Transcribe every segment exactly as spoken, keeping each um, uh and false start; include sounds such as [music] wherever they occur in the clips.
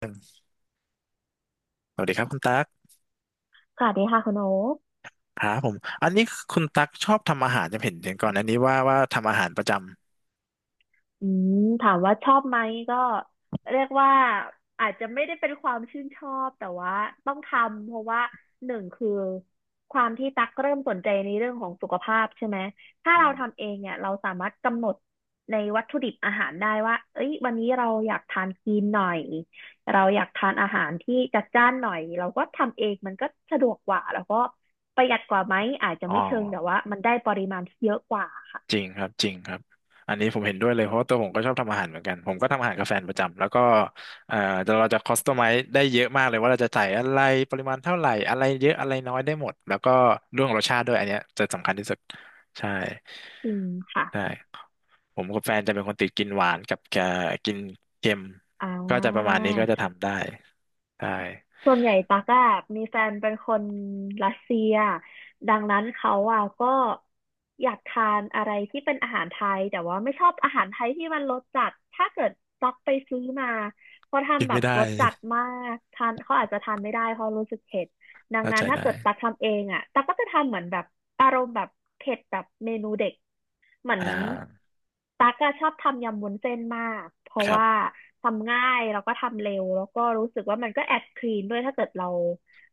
สวัสดีครับคุณตั๊กสวัสดีค่ะคุณโอ๊คครับผม อันนี้คุณตั๊กชอบทำอาหารจะเห็นเห็นก่อนอันนี้ว่าว่าทำอาหารประจอืมถามว่าชอบไหมก็เรียกว่าอาจจะไม่ได้เป็นความชื่นชอบแต่ว่าต้องทำเพราะว่าหนึ่งคือความที่ตักเริ่มสนใจในเรื่องของสุขภาพใช่ไหม ถ้าำอืเรามทำเองเนี่ยเราสามารถกำหนดในวัตถุดิบอาหารได้ว่าเอ้ยวันนี้เราอยากทานคลีนหน่อยเราอยากทานอาหารที่จัดจ้านหน่อยเราก็ทำเองมันก็สะดวกกว่าแล้วก็ประหยัดกว่าไหมอาจจะอ๋อ ไม่เชิงแต่ว่ามันได้ปริมาณที่เยอะกว่าค่ะจริงครับจริงครับอันนี้ผมเห็นด้วยเลยเพราะว่าตัวผมก็ชอบทำอาหารเหมือนกันผมก็ทำอาหารกับแฟนประจำแล้วก็เอ่อเราจะคอสตอมไมซ์ได้เยอะมากเลยว่าเราจะใส่อะไรปริมาณเท่าไหร่อะไรเยอะอะไรน้อยได้หมดแล้วก็เรื่องรสชาติด้วยอันเนี้ยจะสำคัญที่สุดใช่จริงค่ะ ใช่ผมกับแฟนจะเป็นคนติดกินหวานกับเอ่อกินเค็มอ่ก็จะประามาณนี้ก็จะทำได้ใช่ส่วนใหญ่ตั๊กอะมีแฟนเป็นคนรัสเซีย ดังนั้นเขาอะก็อยากทานอะไรที่เป็นอาหารไทย แต่ว่าไม่ชอบอาหารไทยที่มันรสจัด ถ้าเกิดตั๊กไปซื้อมาเขากินทำแบไม่บได้รสจัดมากทานเขาอาจจะทานไม่ได้เพราะรู้สึกเผ็ดดังเข้านั้ใจนถ้าได้เกิดตั๊กทำเองอะตั๊กก็จะทำเหมือนแบบอารมณ์แบบเผ็ดแบบเมนูเด็ก เหมือนอ่าตั๊กอะชอบทำยำวุ้นเส้นมากเพราะครัว่าบ ทำง่ายแล้วก็ทำเร็วแล้วก็รู้สึกว่ามันก็แอบคลีนด้วยถ้าเกิดเรา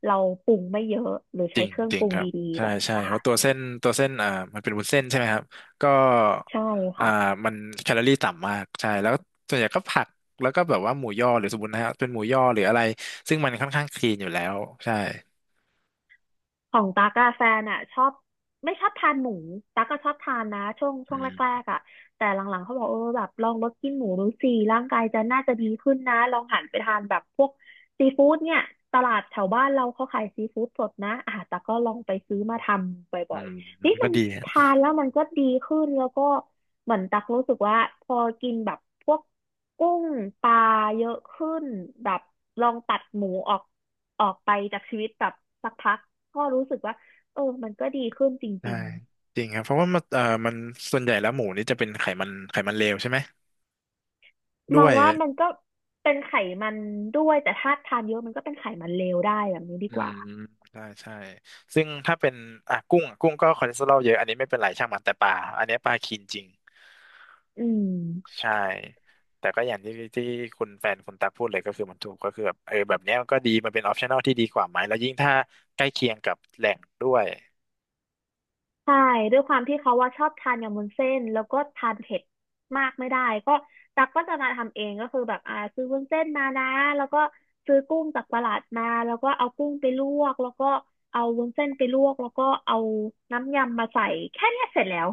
เราปรุงไม่เยอะหรือจใช้ริงเครื่องจริปงรุงครับดีๆใช่แบบใช่เนี้ยเพค่ะราะตัวเส้นตัวเส้นอ่ามันเป็นวุ้นเส้นใช่ไหมครับก็ใช่อ่าค่ะ มันแคลอรี่ต่ำมากใช่แล้วส่วนใหญ่ก็ผักแล้วก็แบบว่าหมูย่อหรือสมมตินะฮะเป็นหมูย่อหรืออะไรซึ่งมันค่อนข้างคลีนอยู่แล้วใช่ของตั๊กอะแฟนอะชอบไม่ชอบทานหมูตั๊กก็ชอบทานนะช่วงช่อืวงแรมกๆอะแต่หลังๆเขาบอกเออแบบลองลดกินหมูดูสิร่างกายจะน่าจะดีขึ้นนะลองหันไปทานแบบพวกซีฟู้ดเนี่ยตลาดแถวบ้านเราเขาขายซีฟู้ดสดนะอ่ะตั๊กก็ลองไปซื้อมาทำบอื่อยมๆนี่ก็มันดีฮะทานแล้วมันก็ดีขึ้นแล้วก็เหมือนตั๊กรู้สึกว่าพอกินแบบพวกกุ้งปลาเยอะขึ้นแบบลองตัดหมูออก ออกไปจากชีวิตแบบสักพักก็รู้สึกว่าเออมันก็ดีขึ้นจใช่ริงจริงครับเพราะว่ามันเอ่อมันส่วนใหญ่แล้วหมูนี่จะเป็นไขมันไขมันเลวใช่ไหมๆด้มอวงยว่ามันก็เป็นไขมันด้วยแต่ถ้าทานเยอะมันก็เป็นไขมันเลวได้แบบนี้ดีอืกว่ามใช่ใช่ซึ่งถ้าเป็นอ่ะกุ้งกุ้งก็คอเลสเตอรอลเยอะอันนี้ไม่เป็นไรช่างมันแต่ปลาอันนี้ปลาคลีนจริง อืมใช่แต่ก็อย่างที่ที่คุณแฟนคุณตักพูดเลยก็คือมันถูกก็คือแบบเออแบบเนี้ยมันก็ดีมันเป็นออปชั่น l ที่ดีกว่าไหมแล้วยิ่งถ้าใกล้เคียงกับแหล่งด้วยใช่ด้วยความที่เขาว่าชอบทานยำวุ้นเส้นแล้วก็ทานเผ็ดมากไม่ได้ก็ตักก็จะมาทำเองก็คือแบบอ่าซื้อวุ้นเส้นมานะแล้วก็ซื้อกุ้งจากตลาดมาแล้วก็เอากุ้งไปลวกแล้วก็เอาวุ้นเส้นไปลวกแล้วก็เอาน้ำยำมาใส่แค่เนี้ยเสร็จแล้ว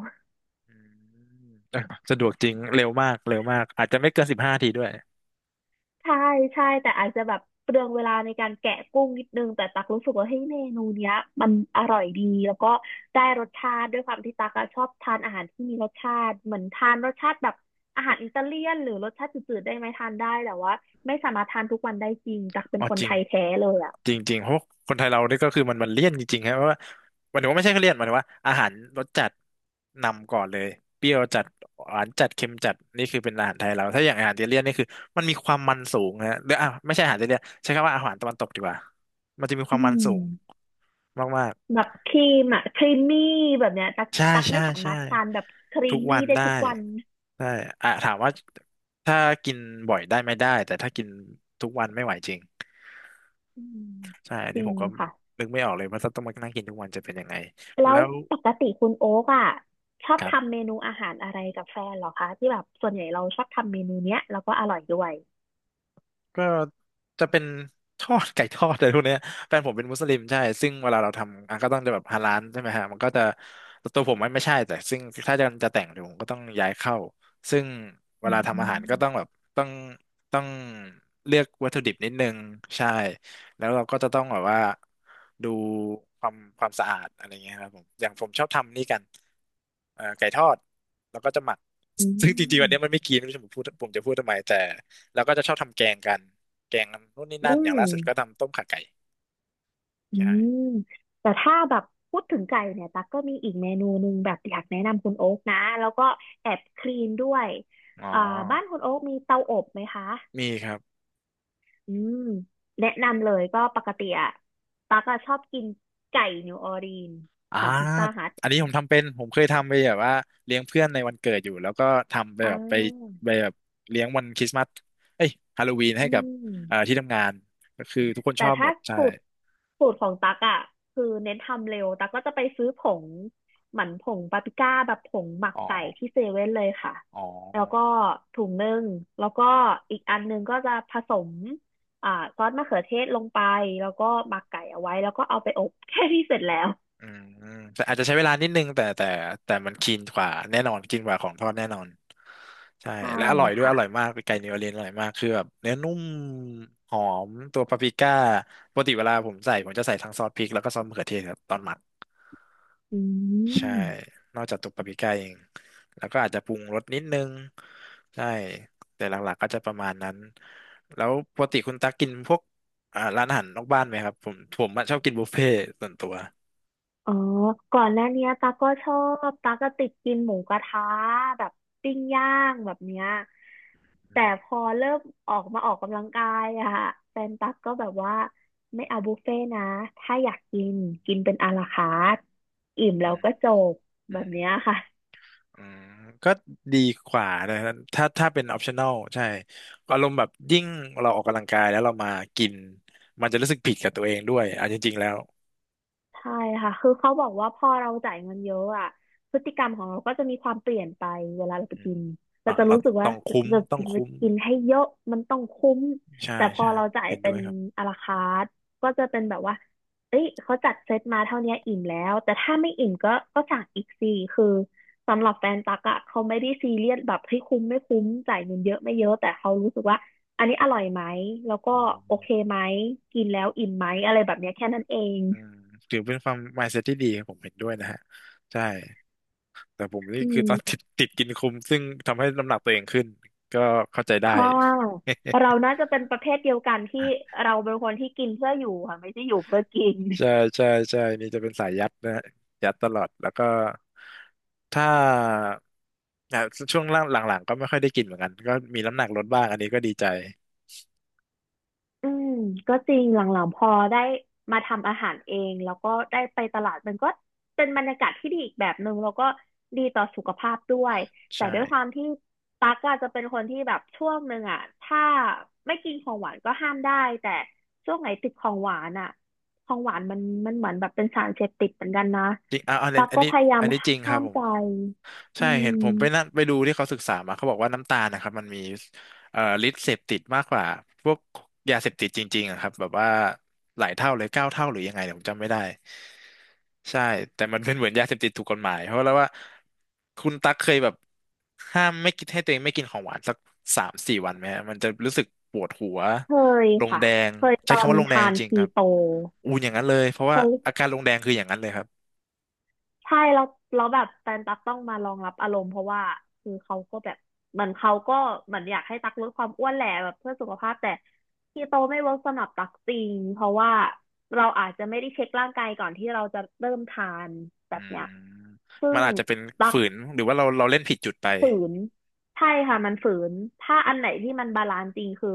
อืม [laughs] สะดวกจริงเร็วมากเร็วมากอาจจะไม่เกินสิบห้าทีด้วย ใช่ใช่แต่อาจจะแบบเปลืองเวลาในการแกะกุ้งนิดนึงแต่ตักรู้สึกว่าเฮ้ยเมนูเนี้ยมันอร่อยดีแล้วก็ได้รสชาติด้วยความที่ตักอะชอบทานอาหารที่มีรสชาติเหมือนทานรสชาติแบบอาหารอิตาเลียนหรือรสชาติจืดๆได้ไหมทานได้แต่ว่าไม่สามารถทานทุกวันได้จริงตักเป็อ๋นอคนจริไทงยแท้เลยอ่ะจริงจริงเพราะคนไทยเรานี่ก็คือมันมันเลี่ยนจริงๆครับเพราะว่าหมายถึงว่าไม่ใช่แค่เลี่ยนหมายถึงว่าอาหารรสจัดนำก่อนเลยเปรี้ยวจัดหวานจัดเค็มจัดนี่คือเป็นอาหารไทยเราถ้าอย่างอาหารอิตาเลียนนี่คือมันมีความมันสูงนะฮะหรืออ่ะไม่ใช่อาหารอิตาเลียนใช้คำว่าอาหารตะวันตกดีกว่ามันจะมีคอืวามมันสูงมมากแบบครีมอ่ะครีมมี่แบบเนี้ยตักๆใช่ตักใช่ไม่สามาใช่รถทานแบบครีทุมกวัมี่นได้ได้ทุกวันได้อ่ะถามว่าถ้ากินบ่อยได้ไม่ได้แต่ถ้ากินทุกวันไม่ไหวจริง อืมใช่อันจนี้ริผงมก็ค่ะ นึกไม่ออกเลยว่าถ้าต้องมานั่งกินทุกวันจะเป็นยังไง แล้แล้ววปกติคุณโอ๊กอ่ะชอบครัทำบ เมนูอาหารอะไรกับแฟนเหรอคะที่แบบส่วนใหญ่เราชอบทำเมนูเนี้ยแล้วก็อร่อยด้วยก็จะเป็น [laughs] ทอดไก่ทอดอะไรพวกเนี้ยแฟนผมเป็นมุสลิมใช่ซึ่งเวลาเราทำอ่ะก็ต้องจะแบบฮาลาลใช่ไหมฮะมันก็จะแต่ตัวผมไม่ไม่ใช่แต่ซึ่งถ้าจะจะแต่งเดี๋ยวผมก็ต้องย้ายเข้าซึ่งเวอืลาทำอาหารก็ต้องแบมบต้องต้องเลือกวัตถุดิบนิดนึงใช่แล้วเราก็จะต้องแบบว่าดูความความสะอาดอะไรเงี้ยครับผมอย่างผมชอบทำนี่กันเอ่อไก่ทอดแล้วก็จะหมักอืซึ่งจริงๆวันนี้มันมไม่กินไม่รู้จะผมพูดผมจะพูดทำไมแต่ แล้วก็จะชอบทำแกงกัน แกงนู่นนี่อืนั่น อย่างล่าสุดก็มทำต้มข่าไก่อืมใช่แต่ถ้าแบบพูดถึงไก่เนี่ยตั๊กก็มีอีกเมนูหนึ่งแบบอยากแนะนำคุณโอ๊กนะแล้วก็แอบคลีนด้วยอ๋อ อ่าบ้านคุณโอ๊กมีเตาอบไหมคะมีครับอืมแนะนำเลยก็ปกติอะตั๊กอะชอบกินไก่นิวออร์ลีนอ่าของพิซซ่าฮัทอันนี้ผมทำเป็น ผมเคยทำไปแบบว่าเลี้ยงเพื่อนในวันเกิดอยู่ แล้วก็ทำไปอ่แบบไปาไปแบบเลี้ยงวันคริสต์มาสเอ้ยฮาโลวีนอืให้กับม เอ่อที่ทำงาน ก็คือทุกคนแต่ชอบหมถ้าดใช่สูตรสูตรของตักอ่ะคือเน้นทำเร็วตักก็จะไปซื้อผงหมั่นผงปาปริก้าแบบผงหมักอ๋อไก่ที่เซเว่นเลยค่ะอ๋อ แล้วก็ถุงหนึ่งแล้วก็อีกอันหนึงก็จะผสมอ่าซอสมะเขือเทศลงไปแล้วก็หมักไก่เอาไว้แล้วก็เอาไปอบ [laughs] แค่นี้เสร็จแล้วอืมแต่อาจจะใช้เวลานิดนึงแต่แต่แต่มันคลีนกว่าแน่นอนคลีนกว่าของทอดแน่นอนใช่ใช่และอร่อยด้วยอค่ะร่อยมากไก่นิวออร์ลีนอร่อยมากคือแบบเนื้อนุ่มหอมตัวปาปริก้าปกติเวลาผมใส่ผมจะใส่ทั้งซอสพริกแล้วก็ซอสมะเขือเทศครับตอนหมักอืใช่ม นอกจากตัวปาปริก้าเองแล้วก็อาจจะปรุงรสนิดนึงใช่แต่หลักๆก็จะประมาณนั้นแล้วปกติคุณตักกินพวกอ่าร้านอาหารนอกบ้านไหมครับผมผมอะชอบกินบุฟเฟ่ต์ส่วนตัวอ๋อก่อนหน้าเนี้ยตาก็ชอบ ตาก็ติดกินหมูกระทะแบบปิ้งย่างแบบเนี้ย อืแต่พมอเริ่มออกมาออกกำลังกายอะค่ะแฟนตักก็แบบว่าไม่เอาบุฟเฟ่ต์นะถ้าอยากกินกินเป็นอาลาคาร์ทอิ่มอืแล้วมก็จบอืแบม บเนี้ยค่ะ อืมก็ดีกว่านะถ้าถ้าเป็น ออปชันนอล ใช่อารมณ์แบบยิ่งเราออกกำลังกายแล้วเรามากินมันจะรู้สึกผิดกับตัวเองด้วยอ่ะจริงๆแล้วใช่ค่ะ คือเขาบอกว่าพอเราจ่ายเงินเยอะอ่ะพฤติกรรมของเราก็จะมีความเปลี่ยนไปเวลาเราไปอืกิมน เราอ่าจะเรารู้สึกต้ว่าองคุ้มเราจต้องะคุ้มกินให้เยอะมันต้องคุ้ม ใช่แต่พอใช่เราจ่ายเห็นเป็ด้วนยครับอลาคาร์ทก็จะเป็นแบบว่าเอ้ยเขาจัดเซตมาเท่าเนี้ยอิ่มแล้ว แต่ถ้าไม่อิ่มก็ก็สั่งอีกสิคือสำหรับแฟนตักอะเขาไม่ได้ซีเรียสแบบให้ยคุ้มไม่คุ้มจ่ายเงินเยอะไม่เยอะแต่เขารู้สึกว่าอันนี้อร่อยไหมแล้วก็อโอเคมไหมกินแล้วอิ่มไหมอะไรแบบเนี้ยแค่นั้นเองอืมถือเป็นความ มายด์เซ็ต ที่ดีผมเห็นด้วยนะฮะใช่แต่ผมนี่อืคือตอน [laughs] ติม ดติดกินคุ้มซึ่งทำให้น้ำหนักตัวเองขึ้นก็เข้าใจได้ ค่ะเรา [laughs] น่าจะเป็นประเภทเดียวกันที่เราเป็นคนที่กินเพื่ออยู่ค่ะไม่ใช่อยู่เพื่อกิน ใช่ใช่ใช่นี่จะเป็นสายยัดนะฮะยัดตลอดแล้วก็ถ้าอ่ะช่วงหลังๆก็ไม่ค่อยได้กินเหมือนกันก็มีน้ำหนักลดบ้างอันนี้ก็ดีใจอืมก็จริงหลังๆพอได้มาทำอาหารเองแล้วก็ได้ไปตลาดมันก็เป็นบรรยากาศที่ดีอีกแบบหนึ่งแล้วก็ดีต่อสุขภาพด้วยแต่ใช่ด้วยความที่ตั๊กอาจจะเป็นคนที่แบบช่วงหนึ่งอ่ะถ้าไม่กินของหวานก็ห้ามได้แต่ช่วงไหนติดของหวานอ่ะของหวานมันมันเหมือนแบบเป็นสารเสพติดเหมือนกันนะจริงอ่ะอะอันตั๊กอันก็นี้พยายาอัมนนี้จริงคห้ารับมผม ใจอืใช่เห็นผมไปนั่มนไปดูที่เขาศึกษามาเขาบอกว่าน้ำตาลนะครับมันมีเอ่อฤทธิ์เสพติดมากกว่าพวกยาเสพติดจริงๆอะครับแบบว่าหลายเท่าเลยเก้าเท่าหรือยังไงเนี่ยผมจำไม่ได้ใช่แต่มันเป็นเหมือนยาเสพติดถูกกฎหมายเพราะแล้วว่าคุณตั๊กเคยแบบห้ามไม่กินให้ตัวเองไม่กินของหวานสักสามสี่วันไหมฮะมันจะรู้สึกปวดหัวเคยลงค่ะแดงเคยตใช้อคำนว่าลงแดงทาจนริงๆคีครับโตอูนอย่างนั้นเลยเพราะเคว่าย อาการลงแดงคืออย่างนั้นเลยครับ ใช่แล้วแล้วแบบแฟนตักต้องมารองรับอารมณ์เพราะว่าคือเขาก็แบบเหมือนเขาก็เหมือนอยากให้ตักลดความอ้วนแหละแบบเพื่อสุขภาพแต่คีโตไม่เวิร์กสำหรับตักจริงเพราะว่าเราอาจจะไม่ได้เช็คร่างกายก่อนที่เราจะเริ่มทานแบอืบมเนี้ยซึ่มันงอาจจะเป็นตักฝืนหรือว่าเราเราเล่นผิดจุดไปฝืนใช่ค่ะมันฝืนถ้าอันไหนที่มันบาลานซ์จริงคือ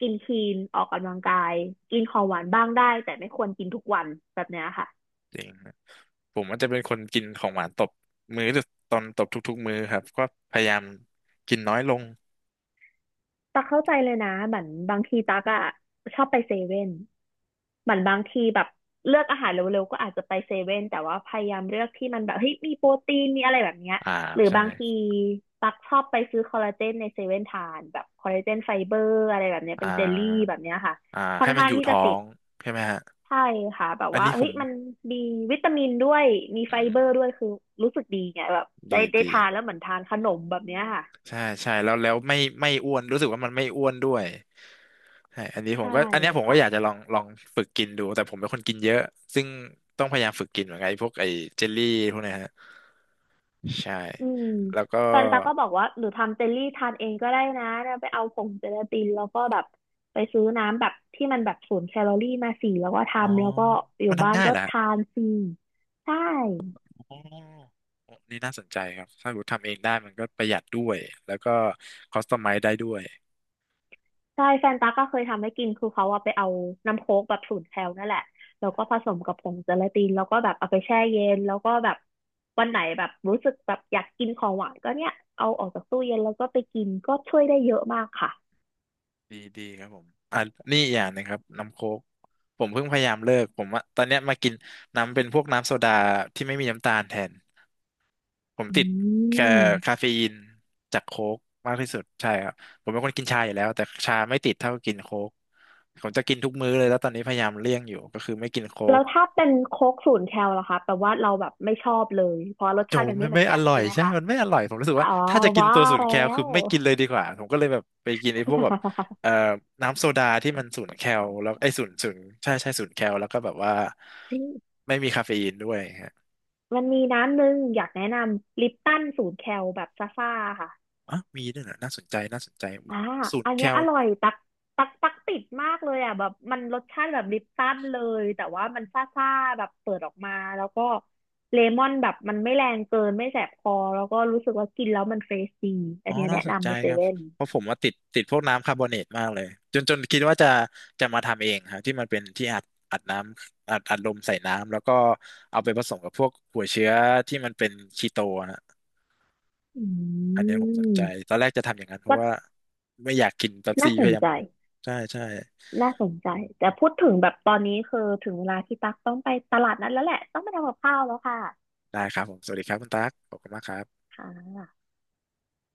กินคลีนออกกำลังกายกินของหวานบ้างได้แต่ไม่ควรกินทุกวันแบบเนี้ยค่ะ จริงครับผมอาจจะเป็นคนกินของหวานตบมื้อหรือตอนตบทุกๆมื้อครับก็พยายามกินน้อยลงตักเข้าใจเลยนะเหมือนบางทีตักอะชอบไปเซเว่นเหมือนบางทีแบบเลือกอาหารเร็วๆก็อาจจะไปเซเว่นแต่ว่าพยายามเลือกที่มันแบบเฮ้ยมีโปรตีนมีอะไรแบบเนี้ยอ่าหรือใช่บางทีตักชอบไปซื้อคอลลาเจนในเซเว่นทานแบบคอลลาเจนไฟเบอร์อะไรแบบเนี้ยอ่เป็นเจลลี่แบาบเนี้ยค่ะอ่าค่อให้นมันข้าองยู่ที่ท้จะอติดงใช่ไหมฮะใช่ค่ะแบบอันว่านี้ผเฮ้ยมมันมีวิตามินด้วยมีอืไฟเบอร์มด้วยคือรู้สึกดีไงแบบได้ดีได้ดีทานแล้วเหมือนทานขนมแบบเนี้ยค่ะใช่ใช่แล้วแล้วไม่ไม่อ้วนรู้สึกว่ามันไม่อ้วนด้วยใช่อันนี้ผมใช่ก็อันเนี้ยผมก็ค่ะ อยากจะลองลองฝึกกินดูแต่ผมเป็นคนกินเยอะซึ่งต้องพยายามฝึกกินเหมือนกันไอ้พวกไอ้เจลลี่พวกเนี้ยฮะ ใช่อืมแล้วก็ แฟนตาก็บอกว่าหนูทำเจลลี่ทานเองก็ได้นะเนี่ยไปเอาผงเจลาตินแล้วก็แบบไปซื้อน้ำแบบที่มันแบบศูนย์แคลอรี่มาสี่แล้วก็อ๋อ ทำแล้วก็อยู่มันบ้าทำนง่ายก็แหละทานฟรีใช่อ๋อ นี่น่าสนใจครับ ถ้าผมทำเองได้มันก็ประหยัดด้วย แล้วก็คอสตอมไมซ์ได้ด้วย ใช่แฟนตาก็เคยทำให้กินคือเขาอะไปเอาน้ำโค้กแบบศูนย์แคลนั่นแหละแล้วก็ผสมกับผงเจลาตินแล้วก็แบบเอาไปแช่เย็นแล้วก็แบบวันไหนแบบรู้สึกแบบอยากกินของหวานก็เนี่ยเอาออกจากตู้เย็นแล้วก็ไปกินก็ช่วยได้เยอะมากค่ะดีดีครับผมอ่ะนี่อีกอย่างหนงครับน้ำโค้กผมเพิ่งพยายามเลิก ผมว่าตอนเนี้ยมากินน้ำเป็นพวกน้ำโซดาที่ไม่มีน้ำตาลแทน ผมอืติดแค่คาม เฟอีนจากโค้กมากที่สุด ใช่ครับ ผมเป็นคนกินชาอยู่แล้วแต่ชาไม่ติดเท่ากินโค้กผมจะกินทุกมื้อเลยแล้วตอนนี้พยายามเลี่ยงอยู่ก็คือไม่กินโค้แล้ก วถ้าเป็นโค้กศูนย์แคลล่ะคะแปลว่าเราแบบไม่ชอบเลยเพราะรสโจชาติมันไม่ไม่เหมืไม่อนอกันร่อยใช่ไหมใช่ คะมันไม่อร่อยผมรู้สึกอ๋ว่าอถ้าจะกินว่าตัวศูนย์แล้แคลคืว อไม่กินเลยดีกว่าผมก็เลยแบบไปกินไอ้พวกแบบ [laughs] เอ่อน้ำโซดาที่มันศูนย์แคลแล้วไอ้ศูนย์ศูนย์ใช่ใช่ศูนย์แคลแล้วก็แบบว่าไม่มีคาเฟอีนด้วยฮะมันมีน้ำหนึ่งอยากแนะนำลิปตันศูนย์แคลแบบซ่าๆค่ะอ๋อมีด้วยเหรอน่าสนใจน่าสนใจอ่าศูนอัย์นแคเนี้ยลอร่อยตักตักตักติดมากเลยอ่ะแบบมันรสชาติแบบลิปตันเลยแต่ว่ามันซ่าๆแบบเปิดออกมาแล้วก็เลมอนแบบมันไม่แรงเกินไม่แสบคอแล้วก็รู้สึกว่ากินแล้วมันเฟรชดีอัอ๋อนเนี้ยน่าแนะสนใจนำในเซครับเว่นเพราะผมว่าติดติดพวกน้ำคาร์บอเนตมากเลยจนจนคิดว่าจะจะมาทำเองครับที่มันเป็นที่อัดอัดน้ำอัดอัดลมใส่น้ำแล้วก็เอาไปผสมกับพวกหัวเชื้อที่มันเป็นคีโต อือันเนี้ยผมสนใจ ม ตอนแรกจะทำอย่างนั้นเพก็ราะว่าไม่อยากกินเป๊ปน่าซี่สพนยายามใจลดใช่ใช่น่าสนใจ แต่พูดถึงแบบตอนนี้คือถึงเวลาที่ตั๊กต้องไปตลาดนั้นแล้วแหละ ต้องไปทำกับข้าวแล้วค่ะได้ครับผมสวัสดีครับคุณตั๊กขอบคุณมากครับค่ะ